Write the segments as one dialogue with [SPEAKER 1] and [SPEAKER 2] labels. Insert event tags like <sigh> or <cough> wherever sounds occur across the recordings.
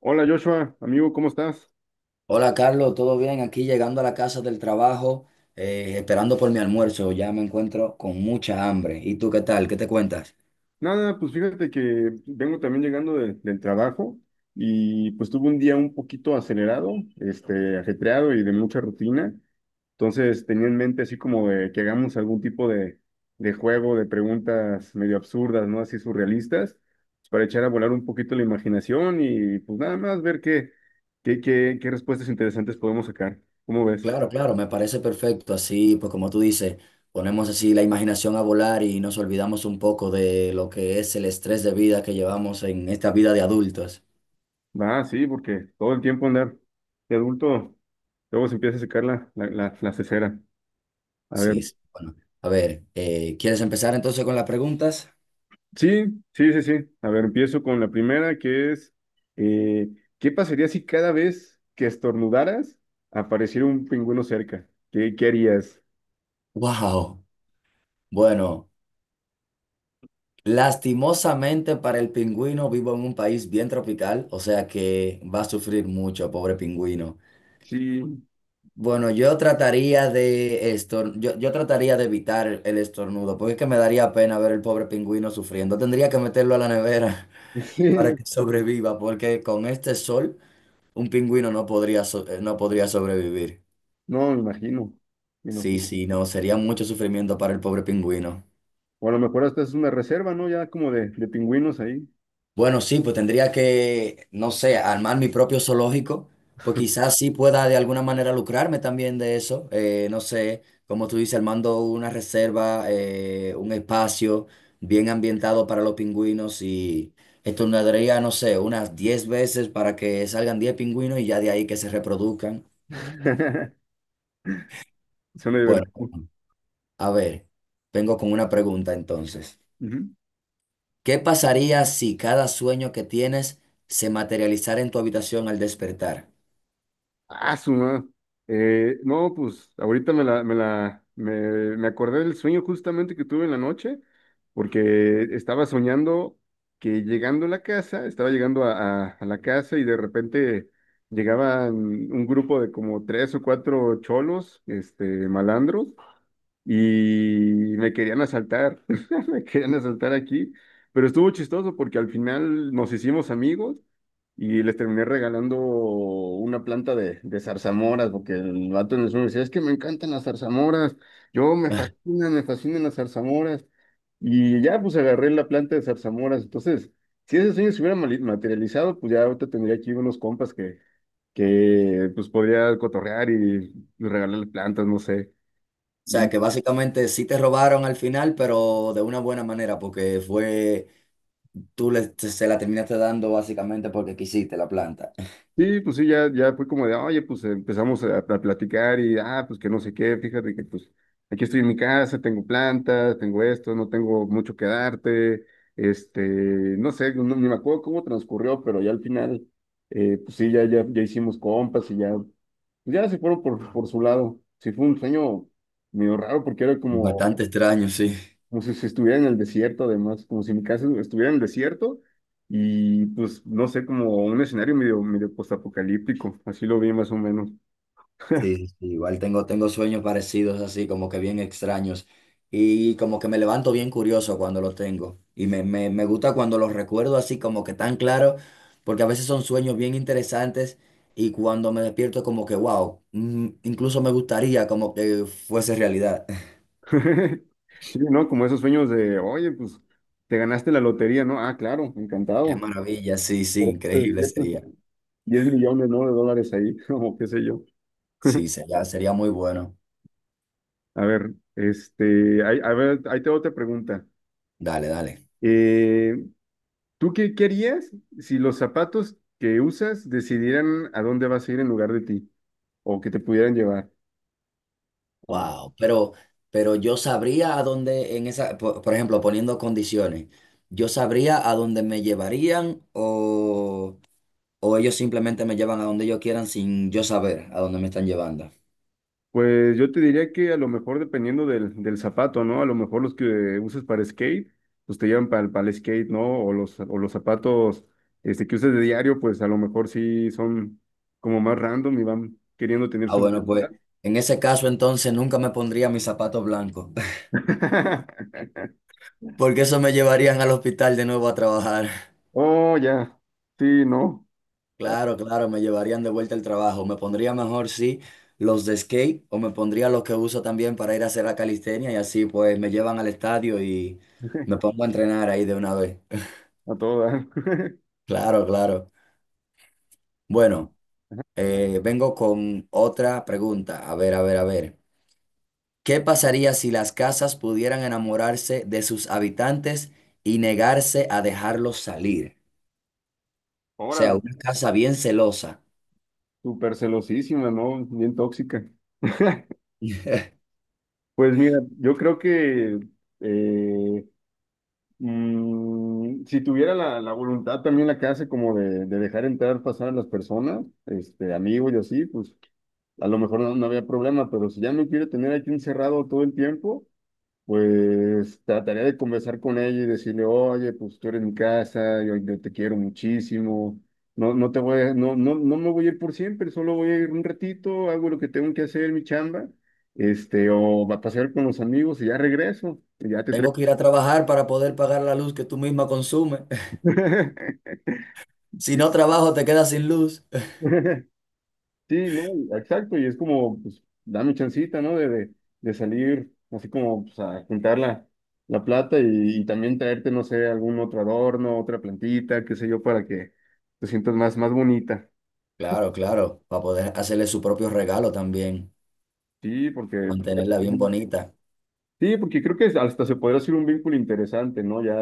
[SPEAKER 1] Hola Joshua, amigo, ¿cómo estás?
[SPEAKER 2] Hola Carlos, ¿todo bien? Aquí llegando a la casa del trabajo, esperando por mi almuerzo, ya me encuentro con mucha hambre. ¿Y tú qué tal? ¿Qué te cuentas?
[SPEAKER 1] Nada, pues fíjate que vengo también llegando del trabajo y pues tuve un día un poquito acelerado, ajetreado y de mucha rutina. Entonces tenía en mente así como de que hagamos algún tipo de juego, de preguntas medio absurdas, ¿no? Así surrealistas, pues, para echar a volar un poquito la imaginación y pues nada más ver qué respuestas interesantes podemos sacar. ¿Cómo ves?
[SPEAKER 2] Claro, claro, me parece perfecto. Así, pues como tú dices, ponemos así la imaginación a volar y nos olvidamos un poco de lo que es el estrés de vida que llevamos en esta vida de adultos.
[SPEAKER 1] Ah, sí, porque todo el tiempo andar de adulto, luego se empieza a secar la cesera. A ver,
[SPEAKER 2] Sí, sí, bueno. A ver, ¿quieres empezar entonces con las preguntas?
[SPEAKER 1] sí, sí. A ver, empiezo con la primera, que es, eh, ¿qué pasaría si cada vez que estornudaras apareciera un pingüino cerca? ¿Qué, qué harías?
[SPEAKER 2] Wow. Bueno. Lastimosamente para el pingüino vivo en un país bien tropical, o sea que va a sufrir mucho, pobre pingüino.
[SPEAKER 1] Sí,
[SPEAKER 2] Bueno, yo trataría yo trataría de evitar el estornudo, porque es que me daría pena ver el pobre pingüino sufriendo. Tendría que meterlo a la nevera
[SPEAKER 1] <laughs> sí,
[SPEAKER 2] <laughs> para
[SPEAKER 1] no,
[SPEAKER 2] que sobreviva, porque con este sol un pingüino no podría sobrevivir.
[SPEAKER 1] no, me imagino. Me
[SPEAKER 2] Sí,
[SPEAKER 1] imagino.
[SPEAKER 2] sí, no, sería mucho sufrimiento para el pobre pingüino.
[SPEAKER 1] O a lo mejor hasta es una reserva, ¿no? Ya como de pingüinos ahí.
[SPEAKER 2] Bueno, sí, pues tendría que, no sé, armar mi propio zoológico, pues quizás sí pueda de alguna manera lucrarme también de eso. No sé, como tú dices, armando una reserva, un espacio bien ambientado para los pingüinos y estornaría, no sé, unas 10 veces para que salgan 10 pingüinos y ya de ahí que se reproduzcan.
[SPEAKER 1] <laughs> Suena
[SPEAKER 2] Bueno,
[SPEAKER 1] divertido.
[SPEAKER 2] a ver, vengo con una pregunta entonces.
[SPEAKER 1] Ujú.
[SPEAKER 2] ¿Qué pasaría si cada sueño que tienes se materializara en tu habitación al despertar?
[SPEAKER 1] Ah, no, pues ahorita me acordé del sueño justamente que tuve en la noche, porque estaba soñando que llegando a la casa, estaba llegando a la casa y de repente llegaban un grupo de como tres o cuatro cholos, malandros, y me querían asaltar, <laughs> me querían asaltar aquí, pero estuvo chistoso porque al final nos hicimos amigos y les terminé regalando una planta de zarzamoras, porque el vato en el sur me decía, es que me encantan las zarzamoras, yo me fascinan las zarzamoras. Y ya pues agarré la planta de zarzamoras. Entonces, si ese sueño se hubiera materializado, pues ya ahorita tendría aquí unos compas que pues podría cotorrear y regalarle plantas, no sé.
[SPEAKER 2] O sea, que básicamente sí te robaron al final, pero de una buena manera, porque fue, se la terminaste dando básicamente porque quisiste la planta. <laughs>
[SPEAKER 1] Sí, pues sí, ya fue como de, oye, pues empezamos a platicar y, ah, pues que no sé qué, fíjate que pues aquí estoy en mi casa, tengo plantas, tengo esto, no tengo mucho que darte, no sé, ni me acuerdo cómo transcurrió, pero ya al final, pues sí, ya hicimos compas y ya, pues ya se fueron por su lado. Sí, fue un sueño medio raro porque era como,
[SPEAKER 2] Bastante extraño, sí.
[SPEAKER 1] como si, si estuviera en el desierto, además, como si mi casa estuviera en el desierto y pues no sé, como un escenario medio postapocalíptico, así lo vi más o menos.
[SPEAKER 2] Sí, sí, sí, igual tengo, tengo sueños parecidos así, como que bien extraños. Y como que me levanto bien curioso cuando los tengo. Y me gusta cuando los recuerdo así como que tan claro, porque a veces son sueños bien interesantes y cuando me despierto como que, wow, mm, incluso me gustaría como que fuese realidad.
[SPEAKER 1] <laughs> Sí, ¿no? Como esos sueños de, oye, pues te ganaste la lotería, ¿no? Ah, claro,
[SPEAKER 2] Qué
[SPEAKER 1] encantado.
[SPEAKER 2] maravilla, sí, sí,
[SPEAKER 1] Pero te
[SPEAKER 2] increíble
[SPEAKER 1] despiertas
[SPEAKER 2] sería.
[SPEAKER 1] 10 millones, ¿no? De dólares ahí, <laughs> o qué sé yo.
[SPEAKER 2] Sí,
[SPEAKER 1] <laughs>
[SPEAKER 2] sería, sería muy bueno.
[SPEAKER 1] A ver, a ver, ahí tengo otra pregunta.
[SPEAKER 2] Dale, dale.
[SPEAKER 1] Eh, ¿Tú qué, qué harías si los zapatos que usas decidieran a dónde vas a ir en lugar de ti? ¿O que te pudieran llevar? Ah,
[SPEAKER 2] Wow, pero yo sabría a dónde en esa, por ejemplo, poniendo condiciones, yo sabría a dónde me llevarían o ellos simplemente me llevan a donde ellos quieran sin yo saber a dónde me están llevando.
[SPEAKER 1] pues yo te diría que a lo mejor dependiendo del zapato, ¿no? A lo mejor los que uses para skate, pues te llevan para, para el skate, ¿no? O los zapatos que uses de diario, pues a lo mejor sí son como más random y van queriendo tener
[SPEAKER 2] Ah,
[SPEAKER 1] su
[SPEAKER 2] bueno, pues
[SPEAKER 1] voluntad.
[SPEAKER 2] en ese caso entonces nunca me pondría mis zapatos blancos, <laughs>
[SPEAKER 1] <laughs>
[SPEAKER 2] porque eso me llevarían al hospital de nuevo a trabajar.
[SPEAKER 1] Oh, ya. Sí, ¿no?
[SPEAKER 2] Claro, claro, me llevarían de vuelta al trabajo. Me pondría mejor, sí, los de skate o me pondría los que uso también para ir a hacer la calistenia y así pues me llevan al estadio y
[SPEAKER 1] <laughs>
[SPEAKER 2] me pongo a entrenar ahí de una vez. <laughs>
[SPEAKER 1] A todo dar. <laughs>
[SPEAKER 2] Claro, claro. Bueno, vengo con otra pregunta. A ver, a ver, a ver. ¿Qué pasaría si las casas pudieran enamorarse de sus habitantes y negarse a dejarlos salir? O sea,
[SPEAKER 1] Órale.
[SPEAKER 2] una casa bien celosa.
[SPEAKER 1] Súper celosísima, ¿no? Bien tóxica. <laughs> Pues mira, yo creo que eh, si tuviera la voluntad también la que hace como de dejar entrar, pasar a las personas, amigos y así, pues a lo mejor no, no había problema, pero si ya me quiere tener aquí encerrado todo el tiempo, pues trataría de conversar con ella y decirle, oye, pues tú eres mi casa, yo te quiero muchísimo, no, no, no, no me voy a ir por siempre, solo voy a ir un ratito, hago lo que tengo que hacer, mi chamba, este, o va a pasear con los amigos y ya regreso, y ya te
[SPEAKER 2] Tengo
[SPEAKER 1] traigo.
[SPEAKER 2] que ir a trabajar para poder pagar la luz que tú misma consumes.
[SPEAKER 1] <laughs>
[SPEAKER 2] Si
[SPEAKER 1] Sí.
[SPEAKER 2] no trabajo, te quedas sin luz. <laughs>
[SPEAKER 1] <laughs> Sí, no, exacto, y es como, pues, dame chancita, ¿no? De salir, así como, pues, a juntar la plata y también traerte, no sé, algún otro adorno, otra plantita, qué sé yo, para que te sientas más bonita.
[SPEAKER 2] Claro, claro, para poder hacerle su propio regalo también,
[SPEAKER 1] Sí, porque
[SPEAKER 2] mantenerla bien bonita.
[SPEAKER 1] Sí, porque creo que hasta se podría hacer un vínculo interesante, ¿no? Ya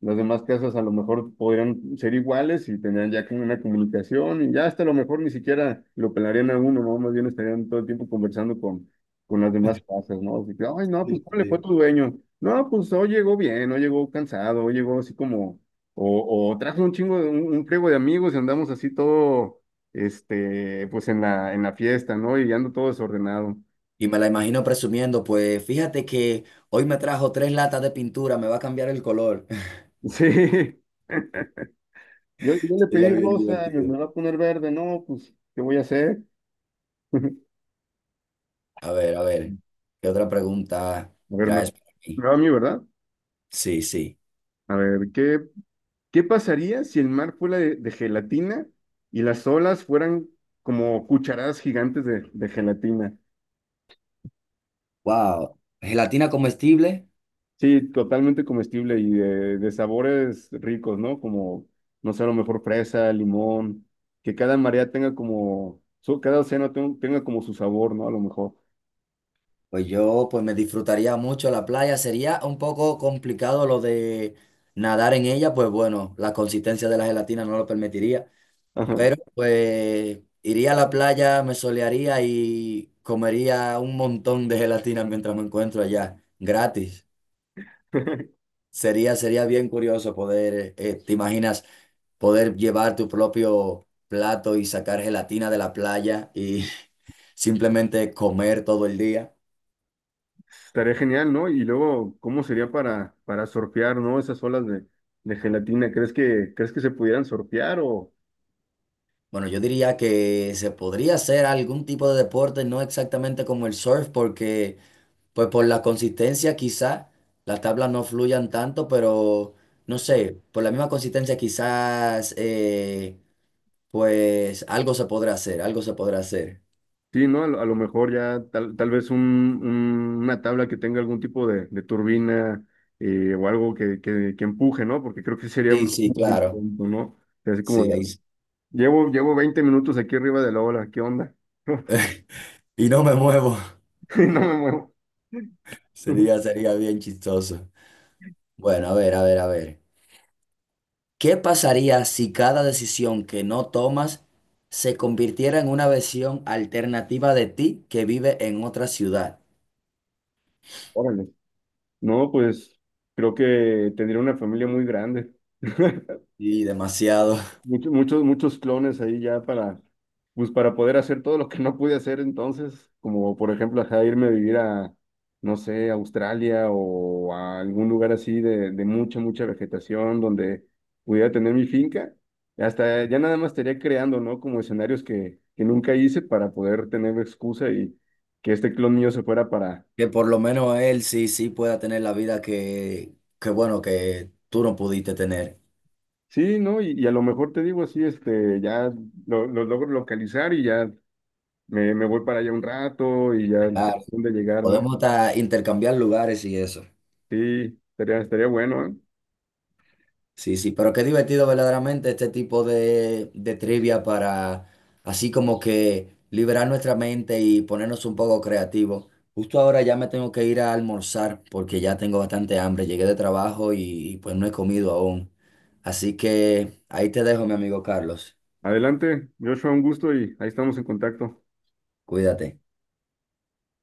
[SPEAKER 1] las demás casas a lo mejor podrían ser iguales y tendrían ya como una comunicación y ya hasta a lo mejor ni siquiera lo pelarían a uno, ¿no? Más bien estarían todo el tiempo conversando con las demás casas, ¿no? Así que, ay, no, pues ¿cómo le fue a tu dueño? No, pues hoy llegó bien, hoy llegó cansado, hoy llegó así como, o trajo un chingo, un friego de amigos y andamos así todo, pues en la fiesta, ¿no? Y ando todo desordenado.
[SPEAKER 2] Y me la imagino presumiendo, pues fíjate que hoy me trajo tres latas de pintura, me va a cambiar el color.
[SPEAKER 1] <laughs> Sí. Yo le
[SPEAKER 2] <laughs> Sería
[SPEAKER 1] pedí
[SPEAKER 2] bien
[SPEAKER 1] rosa,
[SPEAKER 2] divertido.
[SPEAKER 1] me va a poner verde, no, pues, ¿qué voy a hacer? <laughs>
[SPEAKER 2] A ver, ¿qué otra pregunta
[SPEAKER 1] A ver,
[SPEAKER 2] traes para
[SPEAKER 1] me
[SPEAKER 2] mí?
[SPEAKER 1] va a mí, ¿verdad?
[SPEAKER 2] Sí, sí.
[SPEAKER 1] A ver, ¿qué, qué pasaría si el mar fuera de gelatina y las olas fueran como cucharadas gigantes de gelatina?
[SPEAKER 2] Wow, gelatina comestible.
[SPEAKER 1] Sí, totalmente comestible y de sabores ricos, ¿no? Como, no sé, a lo mejor fresa, limón, que cada marea tenga como, cada océano tenga como su sabor, ¿no? A lo mejor.
[SPEAKER 2] Pues yo, pues me disfrutaría mucho la playa. Sería un poco complicado lo de nadar en ella, pues bueno, la consistencia de la gelatina no lo permitiría.
[SPEAKER 1] Ajá.
[SPEAKER 2] Pero pues iría a la playa, me solearía y comería un montón de gelatina mientras me encuentro allá, gratis.
[SPEAKER 1] <laughs>
[SPEAKER 2] Sería, sería bien curioso poder, te imaginas, poder llevar tu propio plato y sacar gelatina de la playa y <laughs> simplemente comer todo el día.
[SPEAKER 1] Estaría genial, ¿no? Y luego, ¿cómo sería para surfear, ¿no? Esas olas de gelatina, crees que se pudieran surfear o
[SPEAKER 2] Bueno, yo diría que se podría hacer algún tipo de deporte, no exactamente como el surf, porque pues por la consistencia quizá las tablas no fluyan tanto, pero no sé, por la misma consistencia quizás pues algo se podrá hacer, algo se podrá hacer.
[SPEAKER 1] sí, ¿no? A lo mejor ya tal, tal vez una tabla que tenga algún tipo de turbina o algo que empuje, ¿no? Porque creo que sería
[SPEAKER 2] Sí, sí,
[SPEAKER 1] muy
[SPEAKER 2] claro.
[SPEAKER 1] tonto, ¿no? O sea, así como,
[SPEAKER 2] Sí,
[SPEAKER 1] de,
[SPEAKER 2] ahí. s-
[SPEAKER 1] llevo, llevo 20 minutos aquí arriba de la ola, ¿qué onda? <laughs>
[SPEAKER 2] <laughs> Y no me muevo.
[SPEAKER 1] Y no me muevo.
[SPEAKER 2] <laughs> Sería,
[SPEAKER 1] <laughs>
[SPEAKER 2] sería bien chistoso. Bueno, a ver, a ver, a ver. ¿Qué pasaría si cada decisión que no tomas se convirtiera en una versión alternativa de ti que vive en otra ciudad?
[SPEAKER 1] Órale. No, pues creo que tendría una familia muy grande. <laughs>
[SPEAKER 2] Sí, demasiado.
[SPEAKER 1] Muchos clones ahí ya para, pues para poder hacer todo lo que no pude hacer entonces, como por ejemplo, ajá, irme a vivir a, no sé, a Australia o a algún lugar así de mucha, mucha vegetación donde pudiera tener mi finca. Hasta ya nada más estaría creando, ¿no? Como escenarios que nunca hice para poder tener excusa y que este clon mío se fuera para...
[SPEAKER 2] Que por lo menos él sí, sí pueda tener la vida que bueno, que tú no pudiste tener.
[SPEAKER 1] Sí, ¿no? Y a lo mejor te digo así, este, ya lo logro localizar y ya me voy para allá un rato y ya
[SPEAKER 2] Claro,
[SPEAKER 1] tengo de llegar, ¿no?
[SPEAKER 2] podemos hasta intercambiar lugares y eso.
[SPEAKER 1] Sí, estaría, estaría bueno, ¿eh?
[SPEAKER 2] Sí, sí, pero qué divertido verdaderamente este tipo de trivia para así como que liberar nuestra mente y ponernos un poco creativos. Justo ahora ya me tengo que ir a almorzar porque ya tengo bastante hambre. Llegué de trabajo y, pues no he comido aún. Así que ahí te dejo, mi amigo Carlos.
[SPEAKER 1] Adelante, Joshua, un gusto y ahí estamos en contacto.
[SPEAKER 2] Cuídate.